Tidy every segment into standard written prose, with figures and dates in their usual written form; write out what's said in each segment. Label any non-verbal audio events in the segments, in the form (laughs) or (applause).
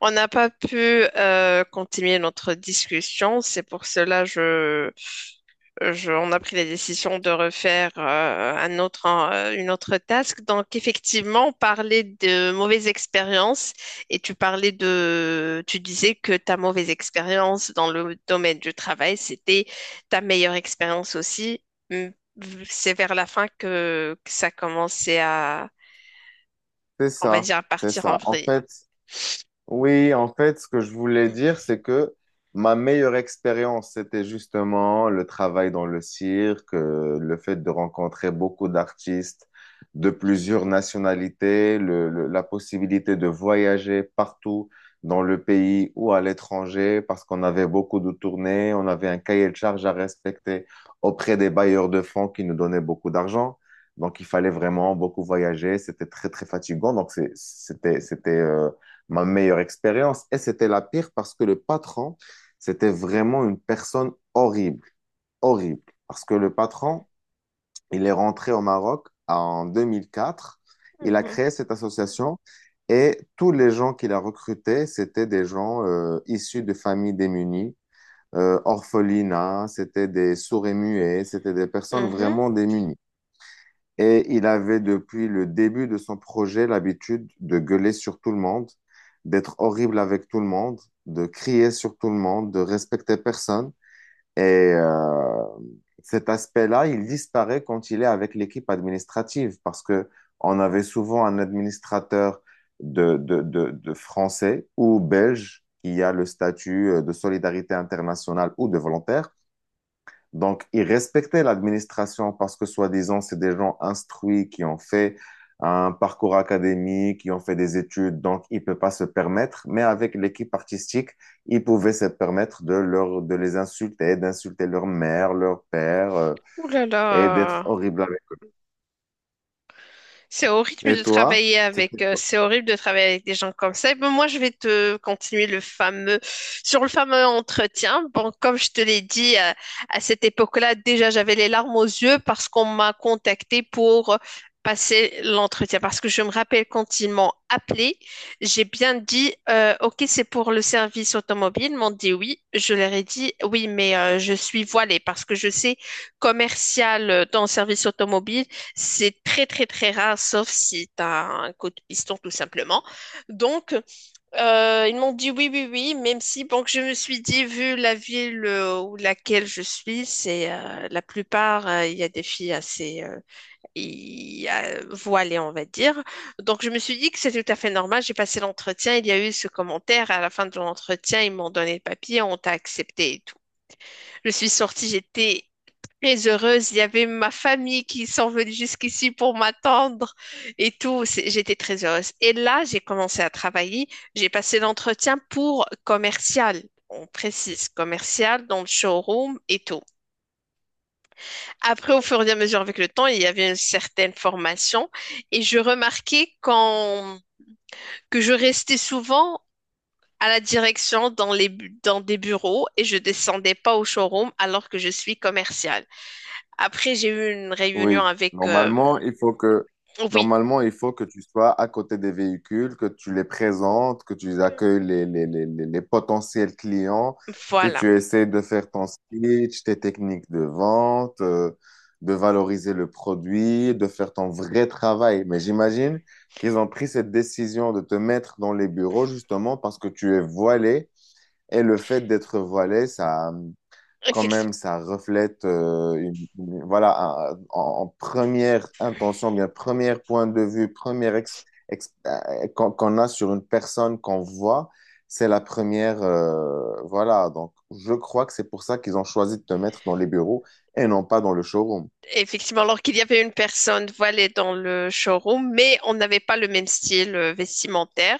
On n'a pas pu continuer notre discussion, c'est pour cela on a pris la décision de refaire un autre, une autre task. Donc effectivement, on parlait de mauvaises expériences et tu parlais de, tu disais que ta mauvaise expérience dans le domaine du travail, c'était ta meilleure expérience aussi. Mm, c'est vers la fin que ça commençait à, C'est on va ça, dire, à c'est partir en ça. En vrille. fait, oui, en fait, ce que je voulais dire, c'est que ma meilleure expérience, c'était justement le travail dans le cirque, le fait de rencontrer beaucoup d'artistes de plusieurs nationalités, la possibilité de voyager partout dans le pays ou à l'étranger, parce qu'on avait beaucoup de tournées, on avait un cahier de charges à respecter auprès des bailleurs de fonds qui nous donnaient beaucoup d'argent. Donc, il fallait vraiment beaucoup voyager. C'était très, très fatigant. Donc, c'était ma meilleure expérience. Et c'était la pire parce que le patron, c'était vraiment une personne horrible, horrible. Parce que le patron, il est rentré au Maroc en 2004. Il a Mhm. créé cette association et tous les gens qu'il a recrutés, c'était des gens issus de familles démunies, orphelinats, c'était des sourds et muets, c'était des personnes Mhm. vraiment démunies. Et il avait depuis le début de son projet l'habitude de gueuler sur tout le monde, d'être horrible avec tout le monde, de crier sur tout le monde, de respecter personne. Et euh, cet aspect-là, il disparaît quand il est avec l'équipe administrative parce que on avait souvent un administrateur de français ou belge qui a le statut de solidarité internationale ou de volontaire, donc ils respectaient l'administration parce que, soi-disant, c'est des gens instruits qui ont fait un parcours académique, qui ont fait des études, donc ils ne peuvent pas se permettre. Mais avec l'équipe artistique, ils pouvaient se permettre de les insulter, d'insulter leur mère, leur père, Ouh là et d'être là. horrible avec. C'est au rythme Et de toi? travailler C'était… avec, c'est horrible de travailler avec des gens comme ça. Et ben, moi, je vais te continuer le fameux, sur le fameux entretien. Bon, comme je te l'ai dit, à cette époque-là, déjà, j'avais les larmes aux yeux parce qu'on m'a contacté pour passer l'entretien. Parce que je me rappelle quand ils m'ont appelé, j'ai bien dit, OK, c'est pour le service automobile. Ils m'ont dit oui. Je leur ai dit oui, mais je suis voilée parce que je sais commercial dans le service automobile. C'est très très très rare, sauf si tu as un coup de piston tout simplement. Donc, ils m'ont dit oui, oui, oui, même si, bon, que je me suis dit, vu la ville où laquelle je suis, c'est la plupart, il y a des filles assez voilées, on va dire. Donc, je me suis dit que c'est tout à fait normal. J'ai passé l'entretien, il y a eu ce commentaire. À la fin de l'entretien, ils m'ont donné le papier, on t'a accepté et tout. Je suis sortie, j'étais très heureuse. Il y avait ma famille qui sont venus jusqu'ici pour m'attendre et tout. C'est- J'étais très heureuse. Et là, j'ai commencé à travailler. J'ai passé l'entretien pour commercial. On précise commercial dans le showroom et tout. Après, au fur et à mesure avec le temps, il y avait une certaine formation et je remarquais quand que je restais souvent à la direction dans les dans des bureaux et je descendais pas au showroom alors que je suis commerciale. Après, j'ai eu une réunion Oui, avec oui, normalement, il faut que tu sois à côté des véhicules, que tu les présentes, que tu accueilles les potentiels clients, que voilà. tu essaies de faire ton speech, tes techniques de vente, de valoriser le produit, de faire ton vrai travail. Mais j'imagine qu'ils ont pris cette décision de te mettre dans les bureaux justement parce que tu es voilé, et le fait d'être voilé, ça, quand Effec- même, ça reflète, voilà, en, en première intention, bien, premier point de vue, qu'on a sur une personne qu'on voit, c'est la voilà. Donc, je crois que c'est pour ça qu'ils ont choisi de te mettre dans les bureaux et non pas dans le showroom. Effectivement, alors qu'il y avait une personne voilée dans le showroom, mais on n'avait pas le même style vestimentaire.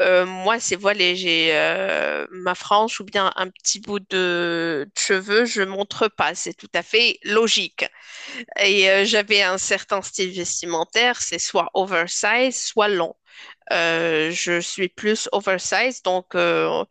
Moi, c'est voilé, j'ai ma frange ou bien un petit bout de cheveux, je montre pas, c'est tout à fait logique. Et j'avais un certain style vestimentaire, c'est soit oversize, soit long. Je suis plus oversize, donc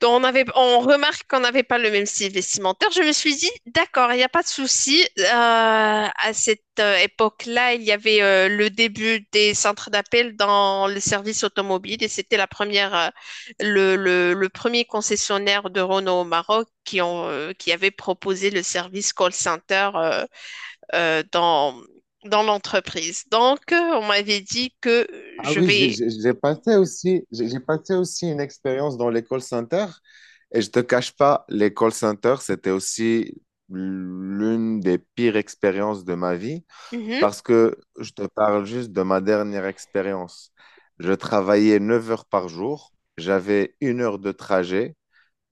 donc, on avait, on remarque qu'on n'avait pas le même style vestimentaire. Je me suis dit, d'accord, il n'y a pas de souci. À cette époque-là, il y avait le début des centres d'appel dans les services automobiles et c'était la première, le premier concessionnaire de Renault au Maroc qui, ont, qui avait proposé le service call center euh, dans, dans l'entreprise. Donc, on m'avait dit que Ah je oui, j'ai vais. j'ai- j'ai passé aussi, j'ai passé aussi une expérience dans les call centers. Et je te cache pas, les call centers, c'était aussi l'une des pires expériences de ma vie. Mhm. Parce que je te parle juste de ma dernière expérience. Je travaillais 9 heures par jour, j'avais 1 heure de trajet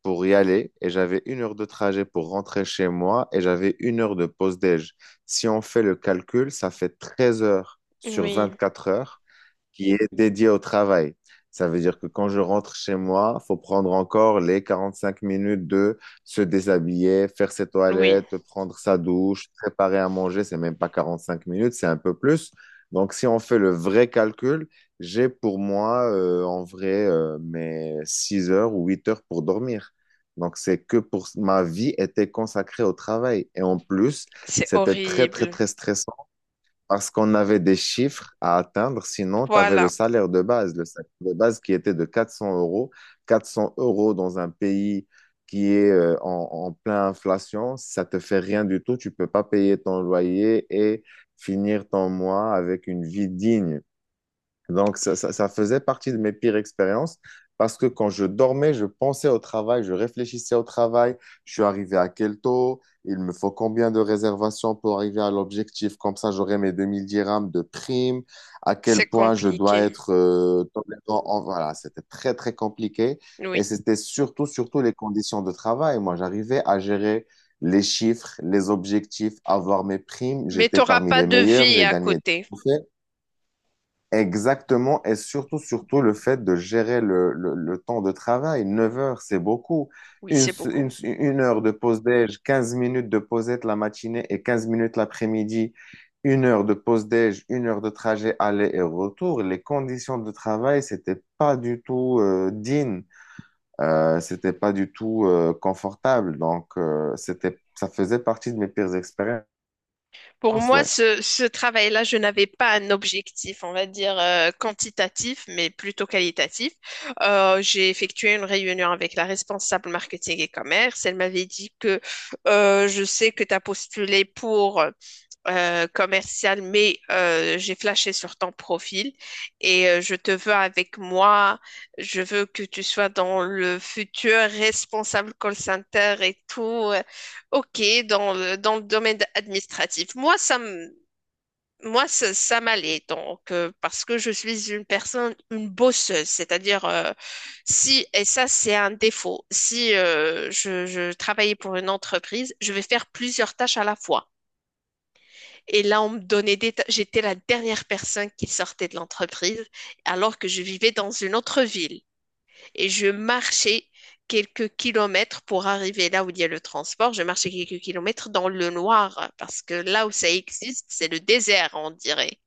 pour y aller et j'avais 1 heure de trajet pour rentrer chez moi, et j'avais 1 heure de pause déj. Si on fait le calcul, ça fait treize heures sur Oui, vingt-quatre heures qui est dédié au travail. Ça veut dire que quand je rentre chez moi, il faut prendre encore les 45 minutes de se déshabiller, faire ses oui, toilettes, prendre sa douche, préparer à manger. C'est même pas 45 minutes, c'est un peu plus. Donc, si on fait le vrai calcul, en vrai, mes 6 heures ou 8 heures pour dormir. Donc, c'est que pour ma vie était consacrée au travail. Et en plus, c'est c'était très, très, horrible. très stressant parce qu'on avait des chiffres à atteindre, sinon tu avais le Voilà. salaire de base, le salaire de base qui était de 400 euros. 400 euros dans un pays qui est en pleine inflation, ça te fait rien du tout, tu peux pas payer ton loyer et finir ton mois avec une vie digne. Donc, ça faisait partie de mes pires expériences parce que quand je dormais, je pensais au travail, je réfléchissais au travail, je suis arrivé à quel taux, il me faut combien de réservations pour arriver à l'objectif, comme ça j'aurai mes 2 000 dirhams de prime, à C'est quel point je dois compliqué, être tolérant. Voilà, c'était très, très compliqué, et oui. c'était surtout, surtout les conditions de travail. Moi, j'arrivais à gérer les chiffres, les objectifs, avoir mes primes, Mais tu j'étais n'auras parmi pas les de meilleurs, vie j'ai à gagné des côté. trophées. Exactement, et surtout, surtout le fait de gérer le temps de travail. 9 heures, c'est beaucoup. Oui, c'est beaucoup. 1 heure de pause déj, 15 minutes de pausette la matinée et 15 minutes l'après-midi, 1 heure de pause déj, 1 heure de trajet aller et retour. Les conditions de travail, c'était pas du tout digne, c'était pas du tout confortable. Donc, ça faisait partie de mes pires expériences, Pour moi, ouais. Ce travail-là, je n'avais pas un objectif, on va dire, quantitatif, mais plutôt qualitatif. J'ai effectué une réunion avec la responsable marketing et commerce. Elle m'avait dit que je sais que tu as postulé pour commercial, mais j'ai flashé sur ton profil et je te veux avec moi. Je veux que tu sois dans le futur responsable call center et tout. Ok, dans dans le domaine administratif. Moi, ça, ça m'allait donc parce que je suis une personne, une bosseuse, c'est-à-dire si et ça c'est un défaut. Si je travaillais pour une entreprise, je vais faire plusieurs tâches à la fois. Et là, on me donnait des... ta- J'étais la dernière personne qui sortait de l'entreprise alors que je vivais dans une autre ville. Et je marchais quelques kilomètres pour arriver là où il y a le transport. Je marchais quelques kilomètres dans le noir parce que là où ça existe, c'est le désert, on dirait.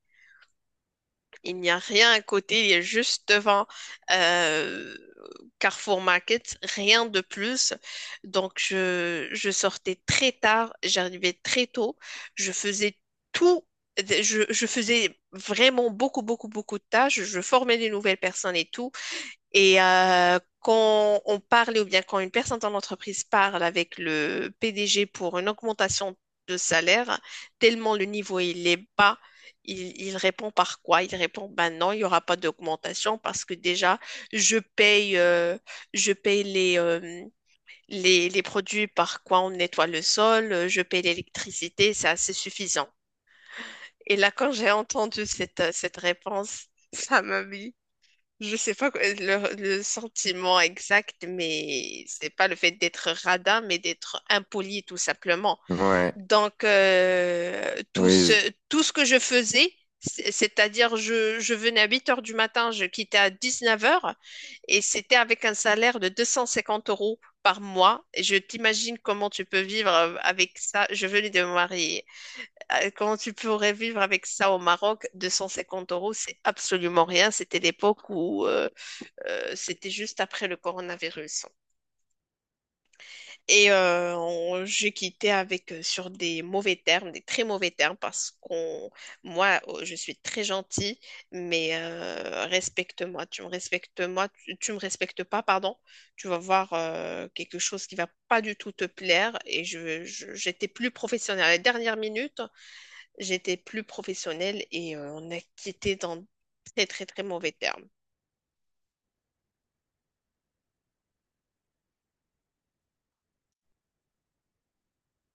Il n'y a rien à côté, il est juste devant euh, Carrefour Market, rien de plus. Donc, je sortais très tard, j'arrivais très tôt, je faisais tout, je faisais vraiment beaucoup, beaucoup, beaucoup de tâches, je formais des nouvelles personnes et tout. Et quand on parle ou bien quand une personne dans l'entreprise parle avec le PDG pour une augmentation de salaire, tellement le niveau il est bas, il répond par quoi? Il répond, ben non, il n'y aura pas d'augmentation parce que déjà, je paye, euh, je paye les, les produits par quoi on nettoie le sol, je paye l'électricité, c'est assez suffisant. Et là, quand j'ai (laughs) entendu cette réponse, ça m'a mis je sais pas quoi- le sentiment exact, mais c'est pas le fait d'être radin, mais d'être impoli tout simplement. Ouais, Donc oui, tout ce que je faisais, c'est- c'est-à-dire je venais à 8 heures du matin, je quittais à 19 heures, et c'était avec un salaire de 250 euros par mois. Et je t'imagine comment tu peux vivre avec ça. Je venais de me marier. Comment tu pourrais vivre avec ça au Maroc? 250 euros, c'est absolument rien. C'était l'époque où c'était juste après le coronavirus. Et j'ai quitté avec sur des mauvais termes, des très mauvais termes, parce qu'on, moi, je suis très gentille, mais respecte-moi, tu me respectes moi, tu me respectes pas, pardon. Tu vas voir quelque chose qui va pas du tout te plaire. Et j'étais plus professionnelle. À la dernière minute, j'étais plus professionnelle et on a quitté dans très très très mauvais termes.